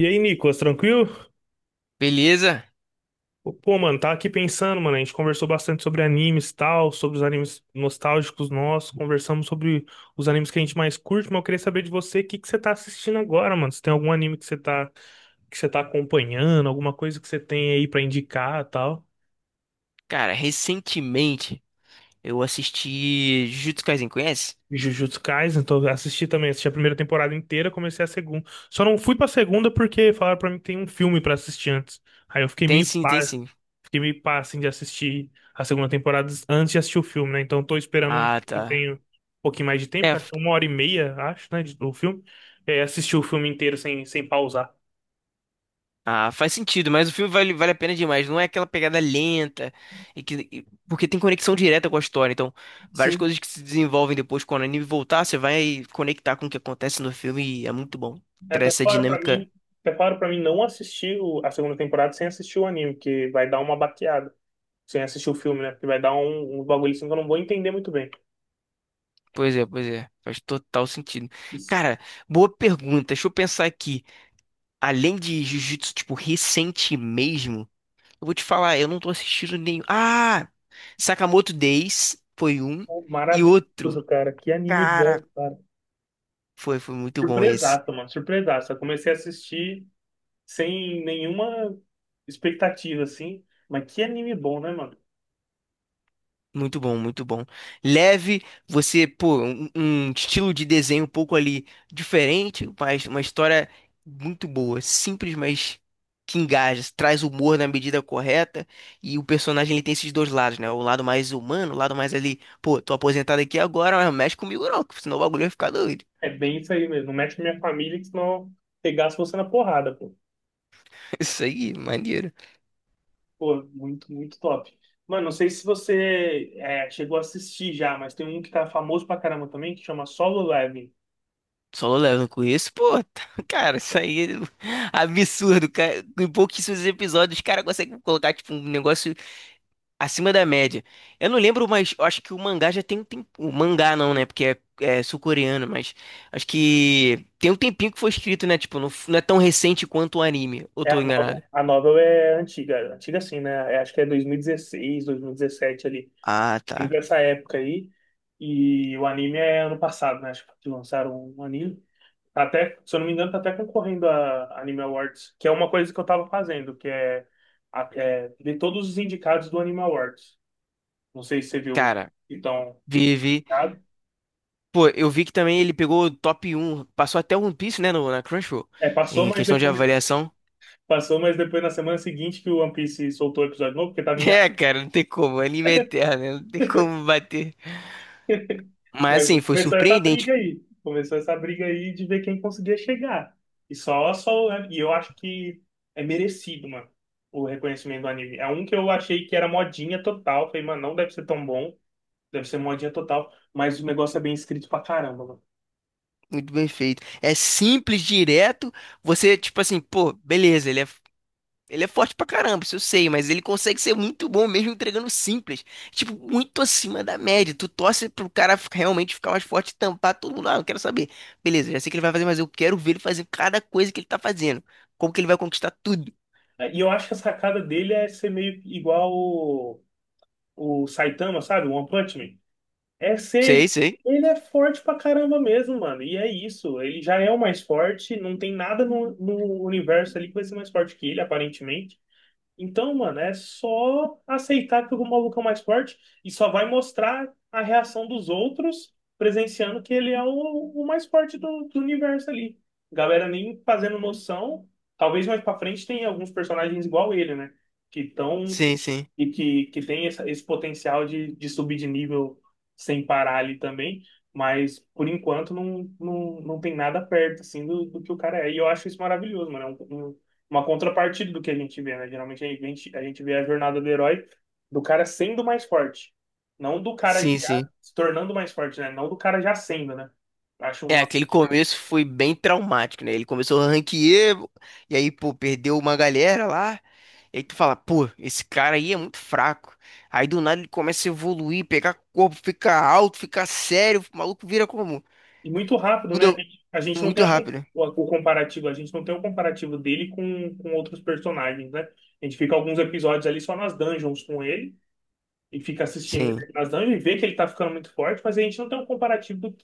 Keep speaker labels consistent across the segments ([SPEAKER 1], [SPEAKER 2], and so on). [SPEAKER 1] E aí, Nicolas, tranquilo?
[SPEAKER 2] Beleza?
[SPEAKER 1] Pô, mano, tava aqui pensando, mano, a gente conversou bastante sobre animes e tal, sobre os animes nostálgicos nossos, conversamos sobre os animes que a gente mais curte, mas eu queria saber de você o que que você tá assistindo agora, mano. Se tem algum anime que você tá acompanhando, alguma coisa que você tem aí pra indicar e tal.
[SPEAKER 2] Cara, recentemente eu assisti Jujutsu Kaisen, conhece?
[SPEAKER 1] Jujutsu Kaisen, então assisti também, assisti a primeira temporada inteira, comecei a segunda. Só não fui pra segunda porque falaram pra mim que tem um filme pra assistir antes. Aí eu fiquei
[SPEAKER 2] Tem
[SPEAKER 1] meio.
[SPEAKER 2] sim, tem sim.
[SPEAKER 1] Fiquei meio pá, assim, de assistir a segunda temporada antes de assistir o filme, né? Então tô esperando um
[SPEAKER 2] Ah,
[SPEAKER 1] tempo, eu
[SPEAKER 2] tá.
[SPEAKER 1] tenho um pouquinho mais de
[SPEAKER 2] É,
[SPEAKER 1] tempo, que acho
[SPEAKER 2] f-
[SPEAKER 1] que é uma hora e meia, acho, né, do filme. É, assistir o filme inteiro sem pausar.
[SPEAKER 2] ah, faz sentido, mas o filme vale a pena demais. Não é aquela pegada lenta, porque tem conexão direta com a história. Então, várias
[SPEAKER 1] Sim.
[SPEAKER 2] coisas que se desenvolvem depois quando o anime voltar, você vai conectar com o que acontece no filme e é muito bom.
[SPEAKER 1] É até
[SPEAKER 2] Traz essa
[SPEAKER 1] claro pra
[SPEAKER 2] dinâmica.
[SPEAKER 1] mim, até claro para mim não assistir a segunda temporada sem assistir o anime, que vai dar uma baqueada. Sem assistir o filme, né? Porque vai dar um bagulho assim que eu não vou entender muito bem.
[SPEAKER 2] Pois é, pois é. Faz total sentido.
[SPEAKER 1] Isso.
[SPEAKER 2] Cara, boa pergunta. Deixa eu pensar aqui. Além de Jujutsu, tipo, recente mesmo. Eu vou te falar, eu não tô assistindo nenhum. Ah! Sakamoto Days foi um.
[SPEAKER 1] Pô,
[SPEAKER 2] E outro,
[SPEAKER 1] maravilhoso, cara. Que anime
[SPEAKER 2] cara,
[SPEAKER 1] bom, cara.
[SPEAKER 2] foi muito bom esse.
[SPEAKER 1] Surpresaça, mano. Surpresaça. Eu comecei a assistir sem nenhuma expectativa, assim. Mas que anime bom, né, mano?
[SPEAKER 2] Muito bom, muito bom. Leve, você, pô, um estilo de desenho um pouco ali diferente, mas uma história muito boa. Simples, mas que engaja, traz humor na medida correta. E o personagem ele tem esses dois lados, né? O lado mais humano, o lado mais ali, pô, tô aposentado aqui agora, mas não mexe comigo não, que senão o bagulho vai ficar doido.
[SPEAKER 1] É bem isso aí mesmo. Não mete com minha família, que senão pegasse você na porrada, pô.
[SPEAKER 2] Isso aí, maneiro.
[SPEAKER 1] Pô, muito, muito top. Mano, não sei se você é, chegou a assistir já, mas tem um que tá famoso pra caramba também, que chama Solo Leveling.
[SPEAKER 2] Solo Leveling com isso, pô, cara, isso aí é absurdo, cara. Em pouquíssimos episódios, os caras conseguem colocar, tipo, um negócio acima da média. Eu não lembro, mas eu acho que o mangá já tem um tempo. O mangá não, né? Porque é sul-coreano, mas acho que tem um tempinho que foi escrito, né? Tipo, não, não é tão recente quanto o anime. Ou
[SPEAKER 1] É
[SPEAKER 2] tô
[SPEAKER 1] a
[SPEAKER 2] enganado?
[SPEAKER 1] novel. A novel é antiga, antiga assim, né? É, acho que é dois mil e dezesseis, dois mil e 2017 ali,
[SPEAKER 2] Ah, tá.
[SPEAKER 1] entre essa época aí. E o anime é ano passado, né? Acho que lançaram um anime. Tá até, se eu não me engano, tá até concorrendo a Anime Awards, que é uma coisa que eu tava fazendo, que é, é ver todos os indicados do Anime Awards. Não sei se você viu os
[SPEAKER 2] Cara,
[SPEAKER 1] então que
[SPEAKER 2] vive. Pô, eu vi que também ele pegou o top 1, passou até o One Piece, né? No, na Crunchyroll,
[SPEAKER 1] é, passou,
[SPEAKER 2] em
[SPEAKER 1] mas
[SPEAKER 2] questão de
[SPEAKER 1] depois
[SPEAKER 2] avaliação.
[SPEAKER 1] na semana seguinte que o One Piece soltou o episódio novo, porque tava em
[SPEAKER 2] É,
[SPEAKER 1] ar.
[SPEAKER 2] cara, não tem como. Anime é eterno, né? Não tem como bater. Mas
[SPEAKER 1] Mas
[SPEAKER 2] assim, foi
[SPEAKER 1] começou essa briga
[SPEAKER 2] surpreendente.
[SPEAKER 1] aí, começou essa briga aí de ver quem conseguia chegar. E e eu acho que é merecido, mano, o reconhecimento do anime. É um que eu achei que era modinha total, falei, mano, não deve ser tão bom. Deve ser modinha total, mas o negócio é bem escrito pra caramba, mano.
[SPEAKER 2] Muito bem feito. É simples, direto. Você, tipo assim, pô, beleza, ele é forte pra caramba, isso eu sei, mas ele consegue ser muito bom mesmo entregando simples. Tipo, muito acima da média. Tu torce pro cara realmente ficar mais forte e tampar todo mundo. Ah, não quero saber. Beleza, já sei o que ele vai fazer, mas eu quero ver ele fazer cada coisa que ele tá fazendo. Como que ele vai conquistar tudo.
[SPEAKER 1] É, e eu acho que a sacada dele é ser meio igual o Saitama, sabe? O One Punch Man. É
[SPEAKER 2] Sei,
[SPEAKER 1] ser.
[SPEAKER 2] sei.
[SPEAKER 1] Ele é forte pra caramba mesmo, mano. E é isso. Ele já é o mais forte. Não tem nada no universo ali que vai ser mais forte que ele, aparentemente. Então, mano, é só aceitar que o maluco é o mais forte e só vai mostrar a reação dos outros presenciando que ele é o mais forte do universo ali. Galera nem fazendo noção. Talvez mais pra frente tenha alguns personagens igual ele, né? Que estão
[SPEAKER 2] Sim, sim.
[SPEAKER 1] e que tem essa, esse potencial de subir de nível sem parar ali também, mas por enquanto não tem nada perto assim do, do que o cara é. E eu acho isso maravilhoso, mano. É uma contrapartida do que a gente vê, né? Geralmente a gente vê a jornada do herói do cara sendo mais forte, não do cara
[SPEAKER 2] Sim,
[SPEAKER 1] já
[SPEAKER 2] sim.
[SPEAKER 1] se tornando mais forte, né? Não do cara já sendo, né? Acho
[SPEAKER 2] É,
[SPEAKER 1] uma.
[SPEAKER 2] aquele começo foi bem traumático, né? Ele começou a ranquear, e aí, pô, perdeu uma galera lá. E aí tu fala, pô, esse cara aí é muito fraco. Aí do nada ele começa a evoluir, pegar corpo, ficar alto, ficar sério, o maluco vira como?
[SPEAKER 1] E muito rápido, né?
[SPEAKER 2] Muda
[SPEAKER 1] A gente não
[SPEAKER 2] muito
[SPEAKER 1] tem
[SPEAKER 2] rápido. Né?
[SPEAKER 1] o comparativo, a gente não tem o comparativo dele com outros personagens, né? A gente fica alguns episódios ali só nas dungeons com ele e fica assistindo
[SPEAKER 2] Sim,
[SPEAKER 1] ele nas dungeons e vê que ele tá ficando muito forte, mas a gente não tem um comparativo do,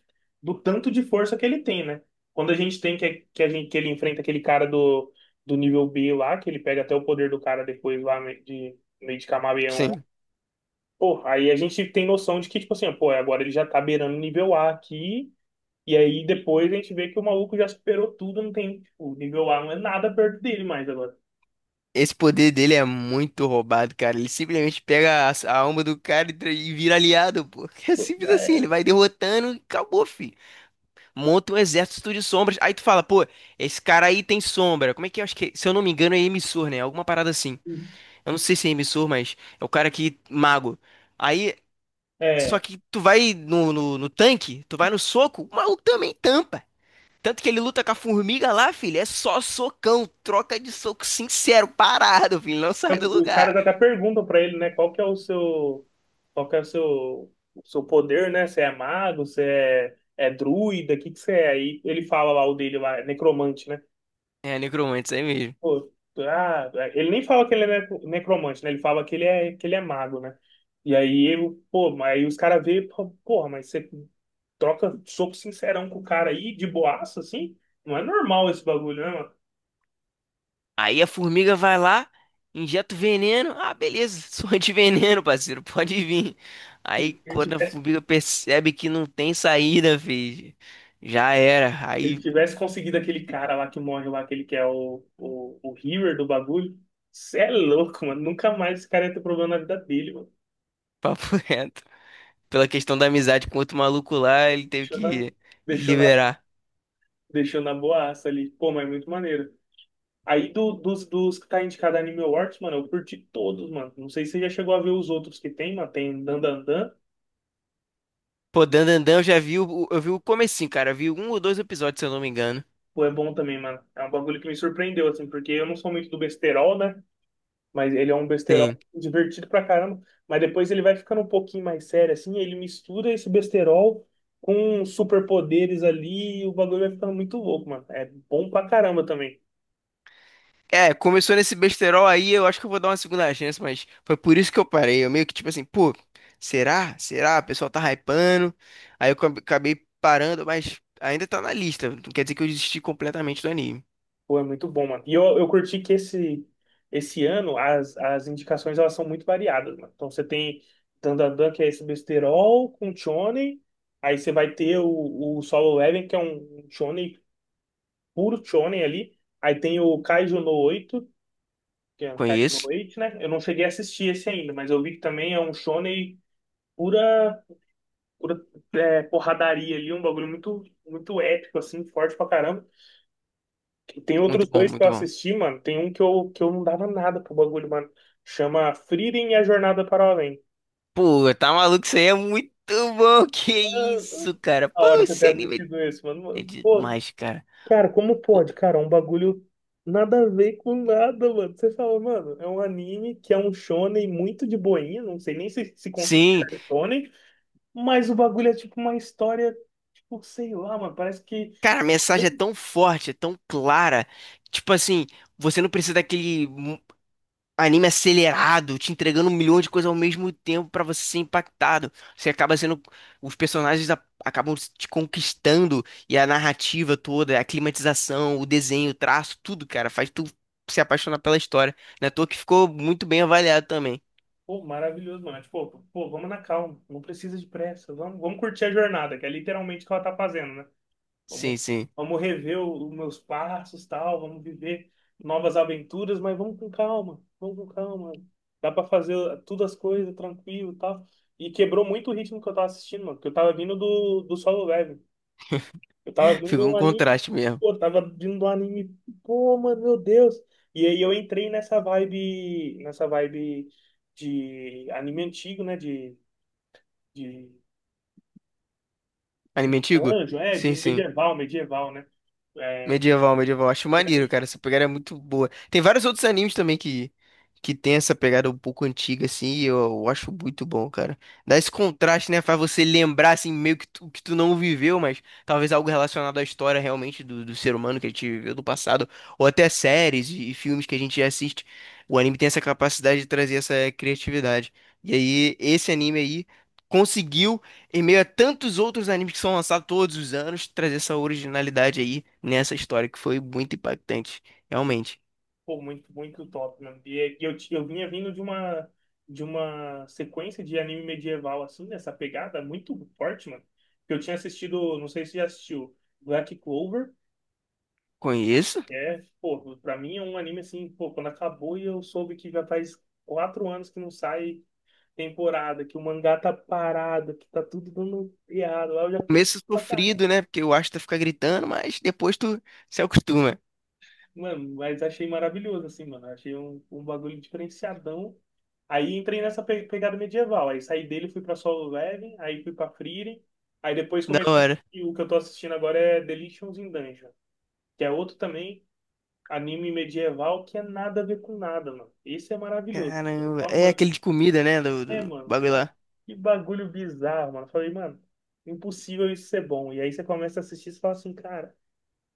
[SPEAKER 1] do tanto de força que ele tem, né? Quando a gente tem que ele enfrenta aquele cara do, do nível B lá, que ele pega até o poder do cara depois lá meio de camaleão.
[SPEAKER 2] sim.
[SPEAKER 1] Pô, aí a gente tem noção de que, tipo assim, pô, agora ele já tá beirando o nível A aqui e aí depois a gente vê que o maluco já superou tudo, não tem, tipo, o nível A não é nada perto dele mais agora.
[SPEAKER 2] Esse poder dele é muito roubado, cara. Ele simplesmente pega a alma do cara e vira aliado, pô. É simples assim, ele
[SPEAKER 1] É,
[SPEAKER 2] vai derrotando e acabou, fi. Monta um exército de sombras. Aí tu fala, pô, esse cara aí tem sombra. Como é que é? Acho que, se eu não me engano, é emissor, né? Alguma parada assim. Eu não sei se é emissor, mas é o cara que mago. Aí, só
[SPEAKER 1] é,
[SPEAKER 2] que tu vai no tanque, tu vai no soco, o maluco também tampa. Tanto que ele luta com a formiga lá, filho, é só socão, troca de soco sincero, parado, filho, não sai
[SPEAKER 1] tanto-
[SPEAKER 2] do
[SPEAKER 1] os
[SPEAKER 2] lugar.
[SPEAKER 1] caras até perguntam pra ele, né, qual que é o seu, qual que é o seu poder, né? Você é mago, você é, é druida, o que que você é? Aí ele fala lá o dele lá, é necromante, né?
[SPEAKER 2] É, necromante, isso aí mesmo.
[SPEAKER 1] Pô, ah, ele nem fala que ele é necro- necromante, né? Ele fala que ele é mago, né? E aí, eu, pô, mas aí os caras veem, pô, porra, mas você troca soco sincerão com o cara aí, de boaça, assim. Não é normal esse bagulho, né, mano?
[SPEAKER 2] Aí a formiga vai lá, injeta o veneno. Ah, beleza, sou antiveneno, parceiro, pode vir.
[SPEAKER 1] Se
[SPEAKER 2] Aí
[SPEAKER 1] Ele
[SPEAKER 2] quando a
[SPEAKER 1] tivesse,
[SPEAKER 2] formiga percebe que não tem saída, filho, já era.
[SPEAKER 1] ele
[SPEAKER 2] Aí,
[SPEAKER 1] tivesse conseguido aquele cara lá que morre lá, aquele que é o Healer do bagulho. Cê é louco, mano. Nunca mais esse cara ia ter problema na vida dele, mano.
[SPEAKER 2] papo reto. Pela questão da amizade com outro maluco lá, ele teve
[SPEAKER 1] Deixou na,
[SPEAKER 2] que
[SPEAKER 1] deixou na,
[SPEAKER 2] liberar.
[SPEAKER 1] deixou na boaça ali. Pô, mas é muito maneiro. Aí dos que tá indicado a Anime Awards, mano, eu curti todos, mano. Não sei se você já chegou a ver os outros que tem, mano. Tem Dan Dan Dan.
[SPEAKER 2] Pô, Dandandan, eu já vi o comecinho, cara. Eu vi um ou dois episódios, se eu não me engano.
[SPEAKER 1] Pô, é bom também, mano. É um bagulho que me surpreendeu, assim, porque eu não sou muito do besterol, né? Mas ele é um
[SPEAKER 2] Sim.
[SPEAKER 1] besterol divertido pra caramba. Mas depois ele vai ficando um pouquinho mais sério, assim. Ele mistura esse besterol com superpoderes ali. E o bagulho vai ficando muito louco, mano. É bom pra caramba também.
[SPEAKER 2] É, começou nesse besterol aí, eu acho que eu vou dar uma segunda chance, mas foi por isso que eu parei. Eu meio que tipo assim, pô, será? Será? O pessoal tá hypando. Aí eu acabei parando, mas ainda tá na lista. Não quer dizer que eu desisti completamente do anime.
[SPEAKER 1] Pô, é muito bom, mano. E eu curti que esse ano as indicações elas são muito variadas, mano. Então você tem Dandadan, que é esse besterol com shonen. Aí você vai ter o Solo Leveling, que é um shonen, puro shonen ali. Aí tem o Kaiju no 8, que é um Kaido no
[SPEAKER 2] Conheço.
[SPEAKER 1] Wait, né? Eu não cheguei a assistir esse ainda, mas eu vi que também é um shonen pura, pura é, porradaria ali, um bagulho muito, muito épico, assim, forte pra caramba. Tem
[SPEAKER 2] Muito
[SPEAKER 1] outros
[SPEAKER 2] bom,
[SPEAKER 1] dois que eu
[SPEAKER 2] muito bom.
[SPEAKER 1] assisti, mano. Tem um que eu não dava nada pro bagulho, mano. Chama Frieren e a Jornada para o Além.
[SPEAKER 2] Pô, tá maluco? Isso aí é muito bom. Que
[SPEAKER 1] Ah,
[SPEAKER 2] isso, cara?
[SPEAKER 1] a
[SPEAKER 2] Pô,
[SPEAKER 1] hora que eu
[SPEAKER 2] esse
[SPEAKER 1] tenho
[SPEAKER 2] anime
[SPEAKER 1] assistido esse,
[SPEAKER 2] é
[SPEAKER 1] mano. Pô,
[SPEAKER 2] demais, cara.
[SPEAKER 1] cara, como
[SPEAKER 2] Pô,
[SPEAKER 1] pode, cara? Um bagulho nada a ver com nada, mano. Você fala, mano, é um anime que é um shonen muito de boinha, não sei nem se se
[SPEAKER 2] sim,
[SPEAKER 1] considera shonen. Mas o bagulho é tipo uma história, tipo, sei lá, mano. Parece que.
[SPEAKER 2] cara, a mensagem é tão forte, é tão clara. Tipo assim, você não precisa daquele anime acelerado, te entregando um milhão de coisas ao mesmo tempo pra você ser impactado. Você acaba sendo. Os personagens acabam te conquistando e a narrativa toda, a climatização, o desenho, o traço, tudo, cara, faz tu se apaixonar pela história. Não é à toa que ficou muito bem avaliado também.
[SPEAKER 1] Pô, maravilhoso, mano. É tipo, pô, vamos na calma. Não precisa de pressa. Vamos curtir a jornada, que é literalmente o que ela tá fazendo, né? Vamos,
[SPEAKER 2] Sim, sim.
[SPEAKER 1] vamos rever os meus passos, tal. Vamos viver novas aventuras, mas vamos com calma. Vamos com calma. Dá pra fazer todas as coisas tranquilo, e tal. E quebrou muito o ritmo que eu tava assistindo, mano. Porque eu tava vindo do, do solo level. Eu tava vindo de
[SPEAKER 2] Ficou um
[SPEAKER 1] um anime,
[SPEAKER 2] contraste mesmo.
[SPEAKER 1] pô, mano, meu Deus. E aí eu entrei nessa vibe de anime antigo, né? De
[SPEAKER 2] Anime antigo?
[SPEAKER 1] anjo, é,
[SPEAKER 2] Sim,
[SPEAKER 1] de
[SPEAKER 2] sim.
[SPEAKER 1] medieval, né? É,
[SPEAKER 2] Medieval, medieval. Acho maneiro,
[SPEAKER 1] realmente,
[SPEAKER 2] cara. Essa pegada é muito boa. Tem vários outros animes também que tem essa pegada um pouco antiga, assim, e eu acho muito bom, cara. Dá esse contraste, né? Faz você lembrar, assim, meio que tu não viveu, mas talvez algo relacionado à história realmente do ser humano que a gente viveu do passado, ou até séries e filmes que a gente já assiste. O anime tem essa capacidade de trazer essa criatividade. E aí, esse anime aí conseguiu em meio a tantos outros animes que são lançados todos os anos, trazer essa originalidade aí nessa história que foi muito impactante, realmente.
[SPEAKER 1] pô, muito, muito top, mano. E eu vinha vindo de uma sequência de anime medieval, assim, nessa pegada muito forte, mano. Que eu tinha assistido, não sei se já assistiu, Black Clover.
[SPEAKER 2] Conheço.
[SPEAKER 1] É, pô, pra mim é um anime assim, pô, quando acabou e eu soube que já faz quatro anos que não sai temporada, que o mangá tá parado, que tá tudo dando errado, lá eu já fiquei
[SPEAKER 2] Começo
[SPEAKER 1] pra caralho.
[SPEAKER 2] sofrido, né? Porque o Asta fica gritando, mas depois tu se acostuma.
[SPEAKER 1] Mano, mas achei maravilhoso, assim, mano, achei um bagulho diferenciadão. Aí entrei nessa pegada medieval, aí saí dele, fui pra Solo Leveling, aí fui pra Frieren, aí depois
[SPEAKER 2] Da
[SPEAKER 1] comecei, a-
[SPEAKER 2] hora.
[SPEAKER 1] e o que eu tô assistindo agora é *Delicious in Dungeon, que é outro também, anime medieval que é nada a ver com nada, mano. Esse é maravilhoso. Tô
[SPEAKER 2] Caramba. É aquele
[SPEAKER 1] amando.
[SPEAKER 2] de comida, né? Do,
[SPEAKER 1] É,
[SPEAKER 2] do
[SPEAKER 1] mano,
[SPEAKER 2] bagulho
[SPEAKER 1] cara,
[SPEAKER 2] lá.
[SPEAKER 1] que bagulho bizarro, mano. Eu falei, mano, impossível isso ser bom. E aí você começa a assistir e você fala assim, cara,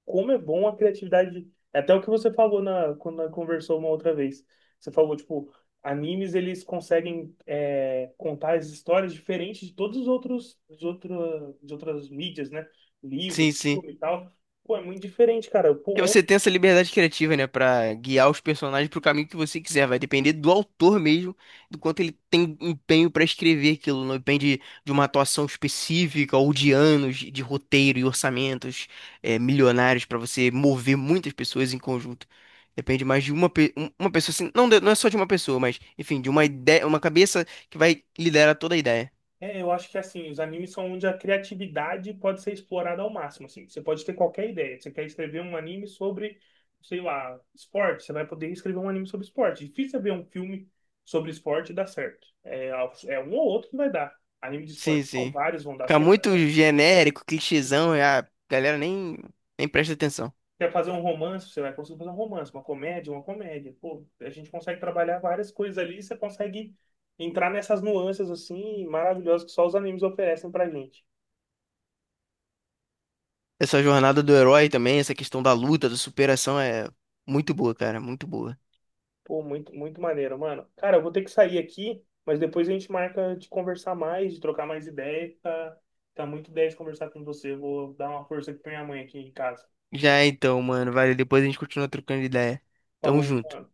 [SPEAKER 1] como é bom a criatividade. É até o que você falou na, quando nós conversou uma outra vez. Você falou, tipo, animes eles conseguem é, contar as histórias diferentes de todos os outros, de outra, de outras mídias, né?
[SPEAKER 2] Sim,
[SPEAKER 1] Livro,
[SPEAKER 2] sim.
[SPEAKER 1] filme e tal. Pô, é muito diferente, cara.
[SPEAKER 2] Porque
[SPEAKER 1] Pô,
[SPEAKER 2] você tem essa liberdade criativa, né, pra guiar os personagens pro caminho que você quiser. Vai depender do autor mesmo, do quanto ele tem empenho pra escrever aquilo. Não depende de uma atuação específica ou de anos de roteiro e orçamentos milionários pra você mover muitas pessoas em conjunto. Depende mais de uma pessoa, assim, não, não é só de uma pessoa, mas, enfim, de uma ideia, uma cabeça que vai liderar toda a ideia.
[SPEAKER 1] é, eu acho que assim, os animes são onde a criatividade pode ser explorada ao máximo, assim. Você pode ter qualquer ideia. Você quer escrever um anime sobre, sei lá, esporte, você vai poder escrever um anime sobre esporte. Difícil é ver um filme sobre esporte e dar certo. É, é um ou outro que vai dar. Anime de
[SPEAKER 2] Sim,
[SPEAKER 1] esporte, não,
[SPEAKER 2] sim.
[SPEAKER 1] vários vão dar.
[SPEAKER 2] Fica
[SPEAKER 1] Você quer,
[SPEAKER 2] muito genérico, clichêzão, e a galera nem presta atenção.
[SPEAKER 1] quer fazer um romance, você vai conseguir fazer um romance, uma comédia. Pô, a gente consegue trabalhar várias coisas ali, e você consegue entrar nessas nuances assim maravilhosas que só os animes oferecem pra gente.
[SPEAKER 2] Essa jornada do herói também, essa questão da luta, da superação é muito boa, cara, muito boa.
[SPEAKER 1] Pô, muito, muito maneiro, mano. Cara, eu vou ter que sair aqui, mas depois a gente marca de conversar mais, de trocar mais ideia. Tá, tá muito 10 conversar com você. Vou dar uma força aqui pra minha mãe aqui em casa.
[SPEAKER 2] Já então, mano, vale, depois a gente continua trocando ideia. Tamo
[SPEAKER 1] Falou,
[SPEAKER 2] junto.
[SPEAKER 1] mano.